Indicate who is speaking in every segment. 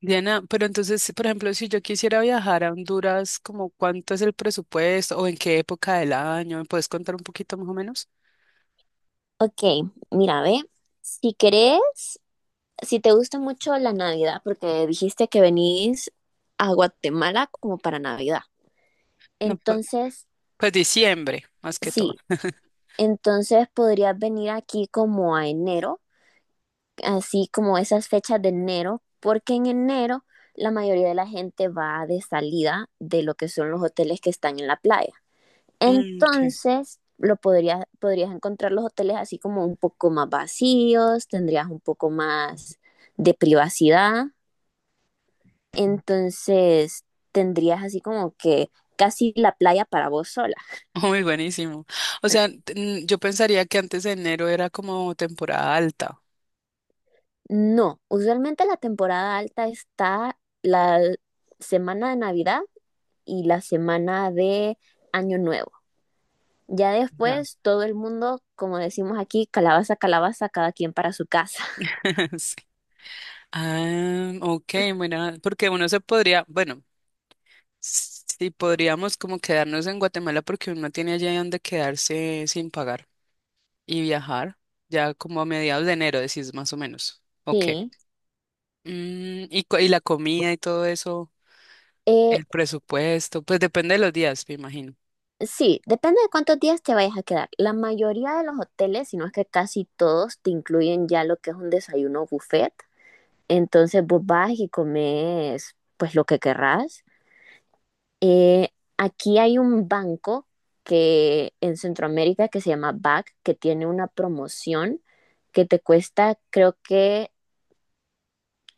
Speaker 1: Diana, pero entonces, por ejemplo, si yo quisiera viajar a Honduras, ¿como cuánto es el presupuesto o en qué época del año? ¿Me puedes contar un poquito más o menos?
Speaker 2: Ok, mira, ve, si querés, si te gusta mucho la Navidad, porque dijiste que venís a Guatemala como para Navidad,
Speaker 1: No,
Speaker 2: entonces,
Speaker 1: pues, diciembre, más que todo.
Speaker 2: sí, entonces podrías venir aquí como a enero, así como esas fechas de enero, porque en enero la mayoría de la gente va de salida de lo que son los hoteles que están en la playa.
Speaker 1: Mm, ok.
Speaker 2: Entonces, podrías encontrar los hoteles así como un poco más vacíos, tendrías un poco más de privacidad, entonces tendrías así como que casi la playa para vos sola.
Speaker 1: Muy buenísimo. O sea, yo pensaría que antes de enero era como temporada alta.
Speaker 2: No, usualmente la temporada alta está la semana de Navidad y la semana de Año Nuevo. Ya
Speaker 1: Ya.
Speaker 2: después todo el mundo, como decimos aquí, calabaza, calabaza, cada quien para su casa.
Speaker 1: Sí. Ah, ok, bueno, porque uno se podría, bueno, sí podríamos como quedarnos en Guatemala porque uno tiene allá donde quedarse sin pagar y viajar ya como a mediados de enero, decís más o menos. Ok.
Speaker 2: Sí.
Speaker 1: Y la comida y todo eso,
Speaker 2: Eh,
Speaker 1: el presupuesto, pues depende de los días, me imagino.
Speaker 2: Sí, depende de cuántos días te vayas a quedar. La mayoría de los hoteles, si no es que casi todos, te incluyen ya lo que es un desayuno buffet. Entonces vos vas y comes pues lo que querrás. Eh, Aquí hay un banco que en Centroamérica que se llama BAC, que tiene una promoción que te cuesta creo que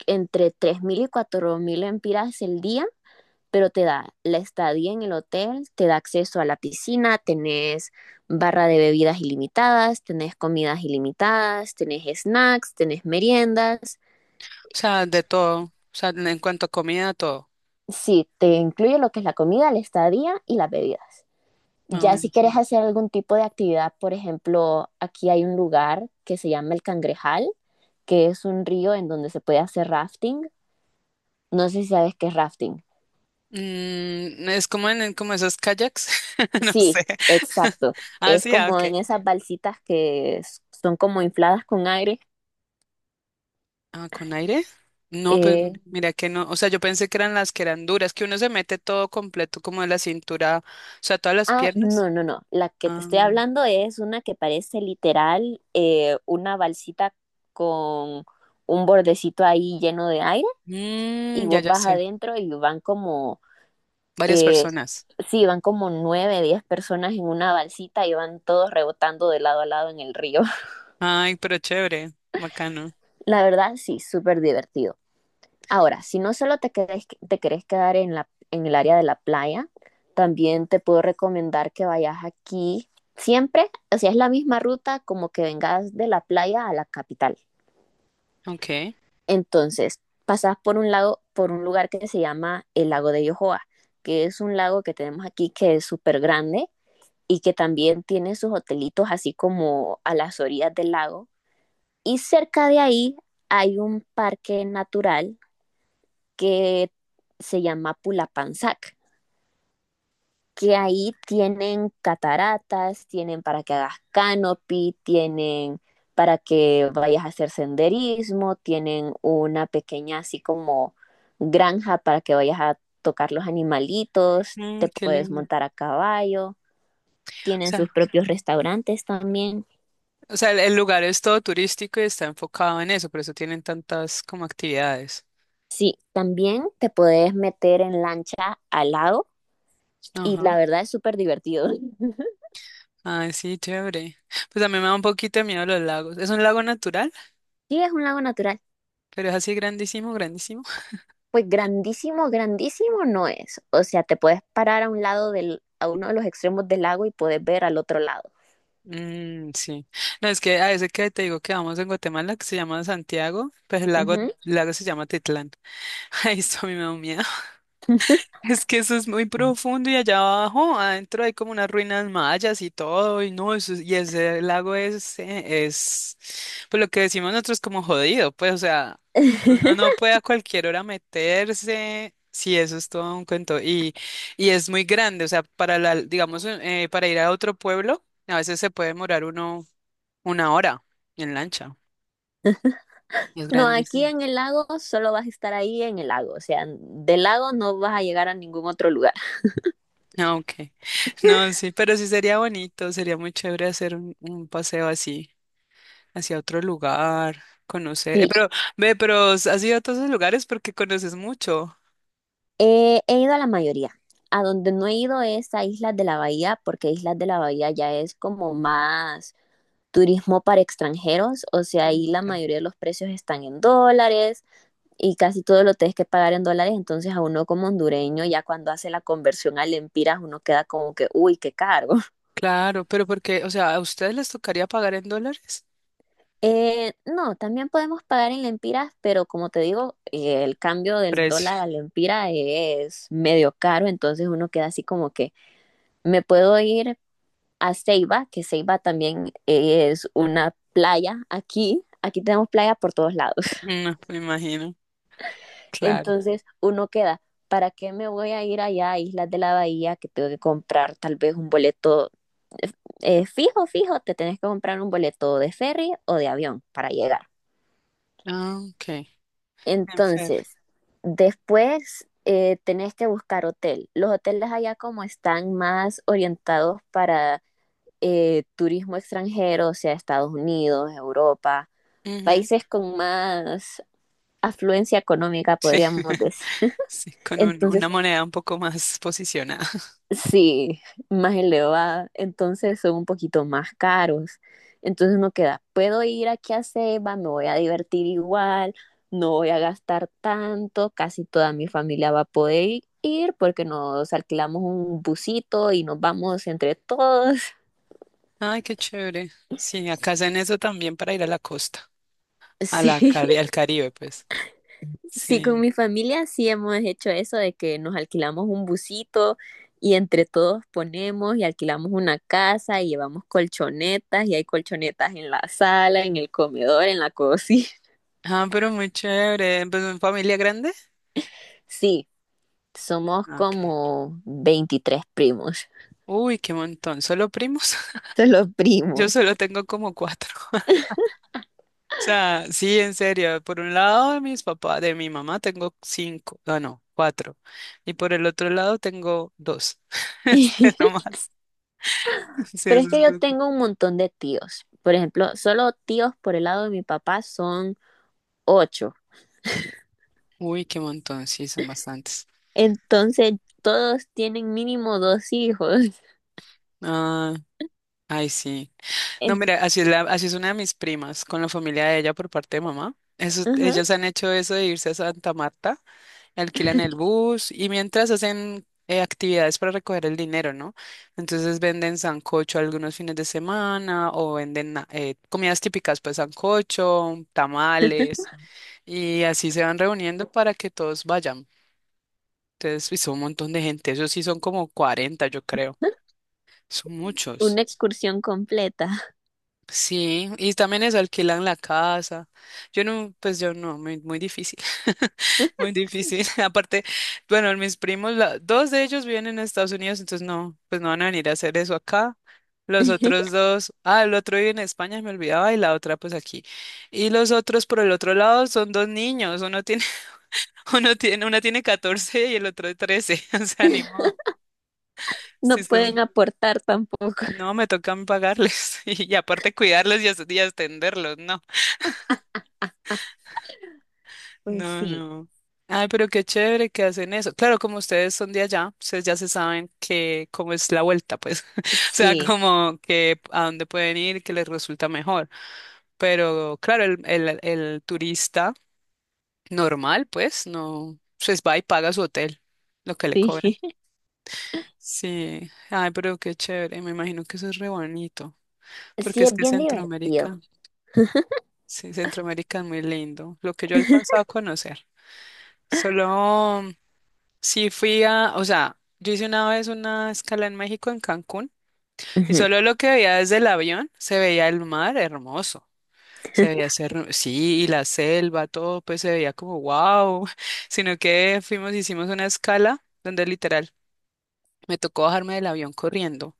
Speaker 2: entre 3.000 y 4.000 empiras el día, pero te da la estadía en el hotel, te da acceso a la piscina, tenés barra de bebidas ilimitadas, tenés comidas ilimitadas, tenés snacks, tenés meriendas.
Speaker 1: O sea, de todo, o sea, en cuanto a comida, todo.
Speaker 2: Sí, te incluye lo que es la comida, la estadía y las bebidas.
Speaker 1: Ah,
Speaker 2: Ya
Speaker 1: bueno,
Speaker 2: si quieres hacer algún tipo de actividad, por ejemplo, aquí hay un lugar que se llama el Cangrejal, que es un río en donde se puede hacer rafting. No sé si sabes qué es rafting.
Speaker 1: Es como esos kayaks, no
Speaker 2: Sí,
Speaker 1: sé.
Speaker 2: exacto.
Speaker 1: Ah,
Speaker 2: Es
Speaker 1: sí, ah,
Speaker 2: como en
Speaker 1: ok.
Speaker 2: esas balsitas que son como infladas con aire.
Speaker 1: Ah, ¿con aire? No, pues
Speaker 2: Eh,
Speaker 1: mira que no, o sea, yo pensé que eran las que eran duras, que uno se mete todo completo como de la cintura, o sea, todas las
Speaker 2: ah,
Speaker 1: piernas.
Speaker 2: no, no, no. La que te
Speaker 1: Ah,
Speaker 2: estoy hablando es una que parece literal una balsita con un bordecito ahí lleno de aire y
Speaker 1: ya,
Speaker 2: vos
Speaker 1: ya
Speaker 2: vas
Speaker 1: sé,
Speaker 2: adentro y van como,
Speaker 1: varias
Speaker 2: eh,
Speaker 1: personas.
Speaker 2: sí, van como nueve, 10 personas en una balsita y van todos rebotando de lado a lado en el río.
Speaker 1: Ay, pero chévere, bacano.
Speaker 2: La verdad, sí, súper divertido. Ahora, si no solo te querés quedar en, en el área de la playa, también te puedo recomendar que vayas aquí siempre, o sea, es la misma ruta como que vengas de la playa a la capital.
Speaker 1: Ok,
Speaker 2: Entonces, pasas por un lago, por un lugar que se llama el lago de Yohoa, que es un lago que tenemos aquí que es súper grande y que también tiene sus hotelitos así como a las orillas del lago. Y cerca de ahí hay un parque natural que se llama Pulapanzac, que ahí tienen cataratas, tienen para que hagas canopy, tienen para que vayas a hacer senderismo, tienen una pequeña así como granja para que vayas a tocar los animalitos, te
Speaker 1: qué
Speaker 2: puedes
Speaker 1: lindo.
Speaker 2: montar a caballo, tienen
Speaker 1: Sea,
Speaker 2: sus propios restaurantes también.
Speaker 1: o sea, el lugar es todo turístico y está enfocado en eso, por eso tienen tantas como actividades.
Speaker 2: Sí, también te puedes meter en lancha al lago y la verdad es súper divertido.
Speaker 1: Ay, sí, chévere. Pues a mí me da un poquito de miedo los lagos. Es un lago natural,
Speaker 2: Sí, es un lago natural.
Speaker 1: pero es así grandísimo, grandísimo.
Speaker 2: Pues grandísimo, grandísimo no es. O sea, te puedes parar a uno de los extremos del lago y puedes ver al otro lado.
Speaker 1: Mm, sí. No, es que a ese que te digo que vamos en Guatemala, que se llama Santiago, pues el lago, el
Speaker 2: Ujú.
Speaker 1: lago se llama Titlán. Ahí esto a mí me da un miedo. Es que eso es muy profundo y allá abajo, adentro hay como unas ruinas mayas y todo, y no, eso, y ese lago es, pues lo que decimos nosotros como jodido, pues, o sea, uno no puede a cualquier hora meterse, sí, eso es todo un cuento, y, es muy grande, o sea, digamos, para ir a otro pueblo, a veces se puede demorar uno una hora en lancha, y es
Speaker 2: No, aquí
Speaker 1: grandísimo.
Speaker 2: en el lago solo vas a estar ahí en el lago. O sea, del lago no vas a llegar a ningún otro lugar.
Speaker 1: Ah, ok. No, sí, pero sí sería bonito, sería muy chévere hacer un paseo así, hacia otro lugar, conocer.
Speaker 2: Sí,
Speaker 1: Pero, ve, pero has ido a todos esos lugares porque conoces mucho.
Speaker 2: he ido a la mayoría. A donde no he ido es a Islas de la Bahía, porque Islas de la Bahía ya es como más turismo para extranjeros. O sea, ahí la
Speaker 1: Nunca.
Speaker 2: mayoría de los precios están en dólares y casi todo lo tienes que pagar en dólares, entonces a uno como hondureño, ya cuando hace la conversión a lempiras, uno queda como que, uy, qué caro.
Speaker 1: Claro, pero porque, o sea, ¿a ustedes les tocaría pagar en dólares?
Speaker 2: No, también podemos pagar en lempiras, pero como te digo, el cambio del
Speaker 1: Precio.
Speaker 2: dólar a lempira es medio caro, entonces uno queda así como que, me puedo ir a Ceiba, que Ceiba también es una playa aquí, aquí tenemos playa por todos lados.
Speaker 1: No, me imagino. Claro.
Speaker 2: Entonces uno queda, ¿para qué me voy a ir allá a Islas de la Bahía que tengo que comprar tal vez un boleto eh, fijo, fijo? Te tenés que comprar un boleto de ferry o de avión para llegar.
Speaker 1: Ah, ok. En ferry.
Speaker 2: Entonces, después tenés que buscar hotel. Los hoteles allá como están más orientados para turismo extranjero, o sea, Estados Unidos, Europa,
Speaker 1: Ujú.
Speaker 2: países con más afluencia económica, podríamos decir.
Speaker 1: Sí, con una
Speaker 2: Entonces,
Speaker 1: moneda un poco más posicionada.
Speaker 2: sí, más elevada, entonces son un poquito más caros. Entonces uno queda, puedo ir aquí a Ceiba, me voy a divertir igual, no voy a gastar tanto, casi toda mi familia va a poder ir porque nos alquilamos un busito y nos vamos entre todos.
Speaker 1: Ay, qué chévere. Sí, acá hacen eso también para ir a la costa,
Speaker 2: Sí,
Speaker 1: al Caribe, pues.
Speaker 2: sí, con
Speaker 1: Sí.
Speaker 2: mi familia sí hemos hecho eso de que nos alquilamos un busito y entre todos ponemos y alquilamos una casa y llevamos colchonetas y hay colchonetas en la sala, en el comedor, en la cocina.
Speaker 1: Ah, pero muy chévere. ¿Pues en familia grande?
Speaker 2: Sí, somos
Speaker 1: Ok.
Speaker 2: como 23 primos,
Speaker 1: Uy, qué montón. ¿Solo primos?
Speaker 2: son los
Speaker 1: Yo
Speaker 2: primos.
Speaker 1: solo tengo como cuatro. O sea, sí, en serio. Por un lado de mis papás, de mi mamá tengo cinco. No, no, cuatro. Y por el otro lado tengo dos. Es que no más. Sí,
Speaker 2: Pero
Speaker 1: es
Speaker 2: es
Speaker 1: un
Speaker 2: que yo
Speaker 1: poquito.
Speaker 2: tengo un montón de tíos. Por ejemplo, solo tíos por el lado de mi papá son ocho.
Speaker 1: Uy, qué montón. Sí, son bastantes.
Speaker 2: Entonces, todos tienen mínimo dos hijos.
Speaker 1: Ah, ay, sí. No,
Speaker 2: En-
Speaker 1: mira, así es una de mis primas, con la familia de ella por parte de mamá. Eso,
Speaker 2: Ajá.
Speaker 1: ellos han hecho eso de irse a Santa Marta, alquilan el bus y mientras hacen actividades para recoger el dinero, ¿no? Entonces venden sancocho algunos fines de semana o venden comidas típicas, pues sancocho, tamales y así se van reuniendo para que todos vayan. Entonces, y son un montón de gente. Esos sí son como 40, yo creo. Son
Speaker 2: Una
Speaker 1: muchos.
Speaker 2: excursión completa.
Speaker 1: Sí, y también es alquilan la casa. Yo no, pues yo no, muy, muy difícil, muy difícil. Aparte, bueno, mis primos, dos de ellos viven en Estados Unidos, entonces no, pues no van a venir a hacer eso acá. Los otros dos, ah, el otro vive en España, me olvidaba, y la otra pues aquí. Y los otros por el otro lado son dos niños, una tiene 14 y el otro 13. O sea, ni modo.
Speaker 2: No
Speaker 1: Sí,
Speaker 2: pueden aportar tampoco.
Speaker 1: no, me tocan pagarles y, aparte cuidarlos y y atenderlos, no.
Speaker 2: Pues
Speaker 1: No,
Speaker 2: sí,
Speaker 1: no. Ay, pero qué chévere que hacen eso. Claro, como ustedes son de allá, ustedes ya se saben que cómo es la vuelta, pues. O sea,
Speaker 2: sí,
Speaker 1: como que a dónde pueden ir, que les resulta mejor. Pero claro, el turista normal, pues, no, pues va y paga su hotel, lo que le
Speaker 2: sí.
Speaker 1: cobran. Sí. Ay, pero qué chévere. Me imagino que eso es re bonito, porque
Speaker 2: Sí,
Speaker 1: es
Speaker 2: es
Speaker 1: que
Speaker 2: bien divertido.
Speaker 1: Centroamérica, sí, Centroamérica es muy lindo. Lo que yo he alcanzado a conocer. Solo Sí, fui a, o sea, yo hice una vez una escala en México, en Cancún, y
Speaker 2: Ujú.
Speaker 1: solo lo que veía desde el avión se veía el mar hermoso. Se veía ser, sí, y la selva, todo, pues se veía como wow. Sino que hicimos una escala donde literal me tocó bajarme del avión corriendo.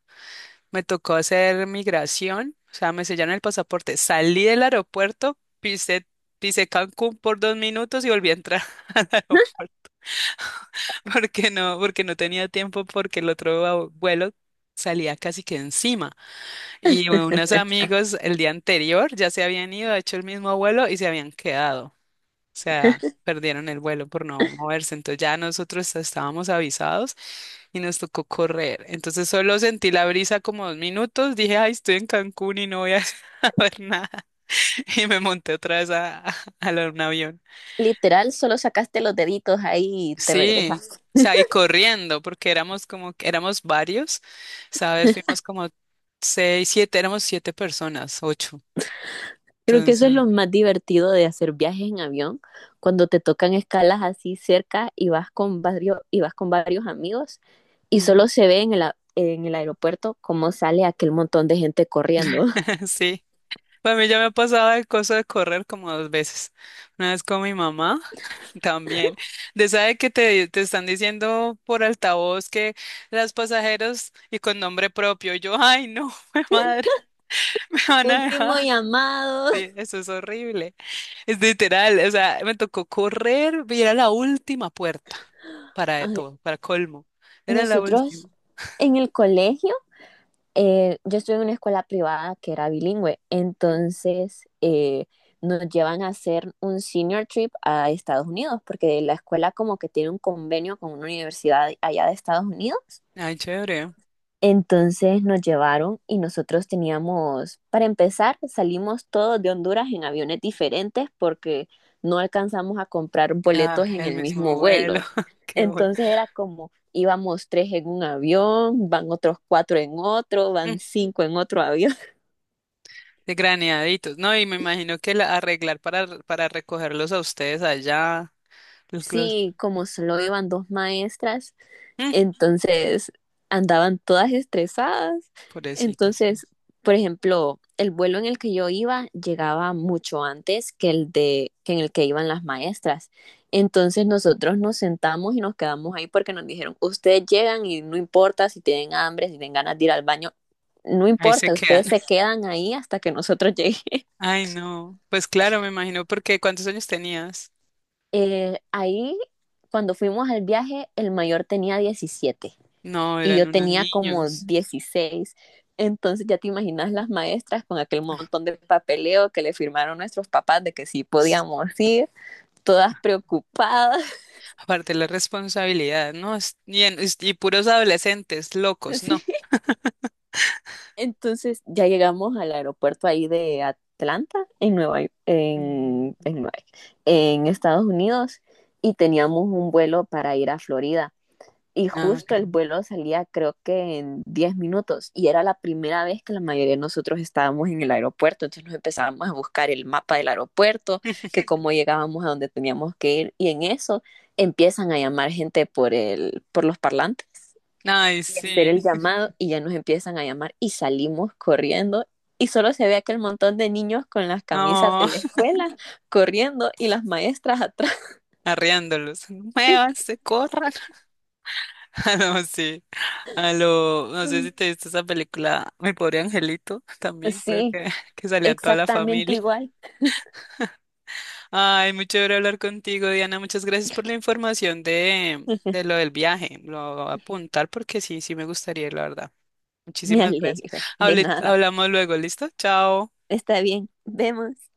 Speaker 1: Me tocó hacer migración, o sea, me sellaron el pasaporte. Salí del aeropuerto, pisé Cancún por dos minutos y volví a entrar al aeropuerto. Porque no tenía tiempo, porque el otro vuelo salía casi que encima. Y unos amigos el día anterior ya se habían ido, hecho el mismo vuelo y se habían quedado. O sea, perdieron el vuelo por no moverse. Entonces ya nosotros estábamos avisados y nos tocó correr. Entonces solo sentí la brisa como dos minutos. Dije, ay, estoy en Cancún y no voy a saber nada. Y me monté otra vez un avión.
Speaker 2: Literal, solo sacaste los deditos ahí y te
Speaker 1: Sí, o
Speaker 2: regresaste.
Speaker 1: sea, y corriendo, porque éramos como, éramos varios, ¿sabes? Fuimos como seis, siete, éramos siete personas, ocho.
Speaker 2: Creo que eso
Speaker 1: Entonces,
Speaker 2: es lo más divertido de hacer viajes en avión, cuando te tocan escalas así cerca y vas con varios, y vas con varios amigos y
Speaker 1: ujú,
Speaker 2: solo se ve en en el aeropuerto cómo sale aquel montón de gente corriendo.
Speaker 1: sí. Para mí ya me ha pasado el coso de correr como dos veces. Una vez con mi mamá también. De sabe que te están diciendo por altavoz que las pasajeros y con nombre propio. Yo, ay, no, madre, me van a dejar.
Speaker 2: Último llamado.
Speaker 1: Sí, eso es horrible. Es literal, o sea, me tocó correr y era la última puerta para
Speaker 2: Ay.
Speaker 1: todo, para colmo. Era la última.
Speaker 2: Nosotros en el colegio, yo estuve en una escuela privada que era bilingüe,
Speaker 1: Ujú.
Speaker 2: entonces nos llevan a hacer un senior trip a Estados Unidos, porque la escuela como que tiene un convenio con una universidad allá de Estados Unidos,
Speaker 1: Ay, chévere.
Speaker 2: entonces nos llevaron y nosotros teníamos, para empezar, salimos todos de Honduras en aviones diferentes porque no alcanzamos a comprar
Speaker 1: Ah,
Speaker 2: boletos en
Speaker 1: el
Speaker 2: el
Speaker 1: mismo
Speaker 2: mismo
Speaker 1: vuelo.
Speaker 2: vuelo.
Speaker 1: Qué bueno.
Speaker 2: Entonces era como íbamos tres en un avión, van otros cuatro en otro,
Speaker 1: Mm,
Speaker 2: van cinco en otro avión.
Speaker 1: De graneaditos. No, y me imagino que arreglar para recogerlos a ustedes allá. Los, los,
Speaker 2: Sí, como solo iban dos maestras,
Speaker 1: mm,
Speaker 2: entonces andaban todas estresadas.
Speaker 1: Pobrecitas.
Speaker 2: Entonces, por ejemplo, el vuelo en el que yo iba llegaba mucho antes que el de que en el que iban las maestras. Entonces nosotros nos sentamos y nos quedamos ahí porque nos dijeron, ustedes llegan y no importa si tienen hambre, si tienen ganas de ir al baño, no
Speaker 1: Ahí se
Speaker 2: importa,
Speaker 1: quedan.
Speaker 2: ustedes se quedan ahí hasta que nosotros lleguemos.
Speaker 1: Ay, no. Pues claro, me imagino porque ¿cuántos años tenías?
Speaker 2: Ahí, cuando fuimos al viaje, el mayor tenía 17,
Speaker 1: No,
Speaker 2: y
Speaker 1: eran
Speaker 2: yo
Speaker 1: unos
Speaker 2: tenía como
Speaker 1: niños.
Speaker 2: 16. Entonces ya te imaginas las maestras con aquel montón de papeleo que le firmaron nuestros papás de que sí podíamos ir, todas preocupadas.
Speaker 1: Aparte la responsabilidad, ¿no? Y, y puros adolescentes locos,
Speaker 2: ¿Sí?
Speaker 1: ¿no?
Speaker 2: Entonces ya llegamos al aeropuerto ahí de Atlanta, en Nueva York, en,
Speaker 1: Mm.
Speaker 2: en, en Estados Unidos, y teníamos un vuelo para ir a Florida. Y
Speaker 1: No, ok.
Speaker 2: justo el vuelo salía creo que en 10 minutos y era la primera vez que la mayoría de nosotros estábamos en el aeropuerto, entonces nos empezábamos a buscar el mapa del aeropuerto, que cómo llegábamos a donde teníamos que ir, y en eso empiezan a llamar gente por el por los parlantes
Speaker 1: Ay,
Speaker 2: y hacer
Speaker 1: sí.
Speaker 2: el llamado, y ya nos empiezan a llamar y salimos corriendo, y solo se ve aquel montón de niños con las camisas
Speaker 1: No,
Speaker 2: de la escuela corriendo y las maestras atrás.
Speaker 1: arriándolos. Muévanse, corran. Ah, no, sí. No sé si
Speaker 2: Sí,
Speaker 1: te viste esa película, Mi pobre angelito, también creo
Speaker 2: sí,
Speaker 1: que, salía toda la
Speaker 2: exactamente
Speaker 1: familia.
Speaker 2: igual.
Speaker 1: Ay, muy chévere hablar contigo, Diana. Muchas gracias por la información de lo del viaje. Lo voy a apuntar porque sí, sí me gustaría, la verdad.
Speaker 2: Me
Speaker 1: Muchísimas gracias.
Speaker 2: alegra. De
Speaker 1: Hable-
Speaker 2: nada.
Speaker 1: hablamos luego, ¿listo? Chao.
Speaker 2: Está bien. Vemos.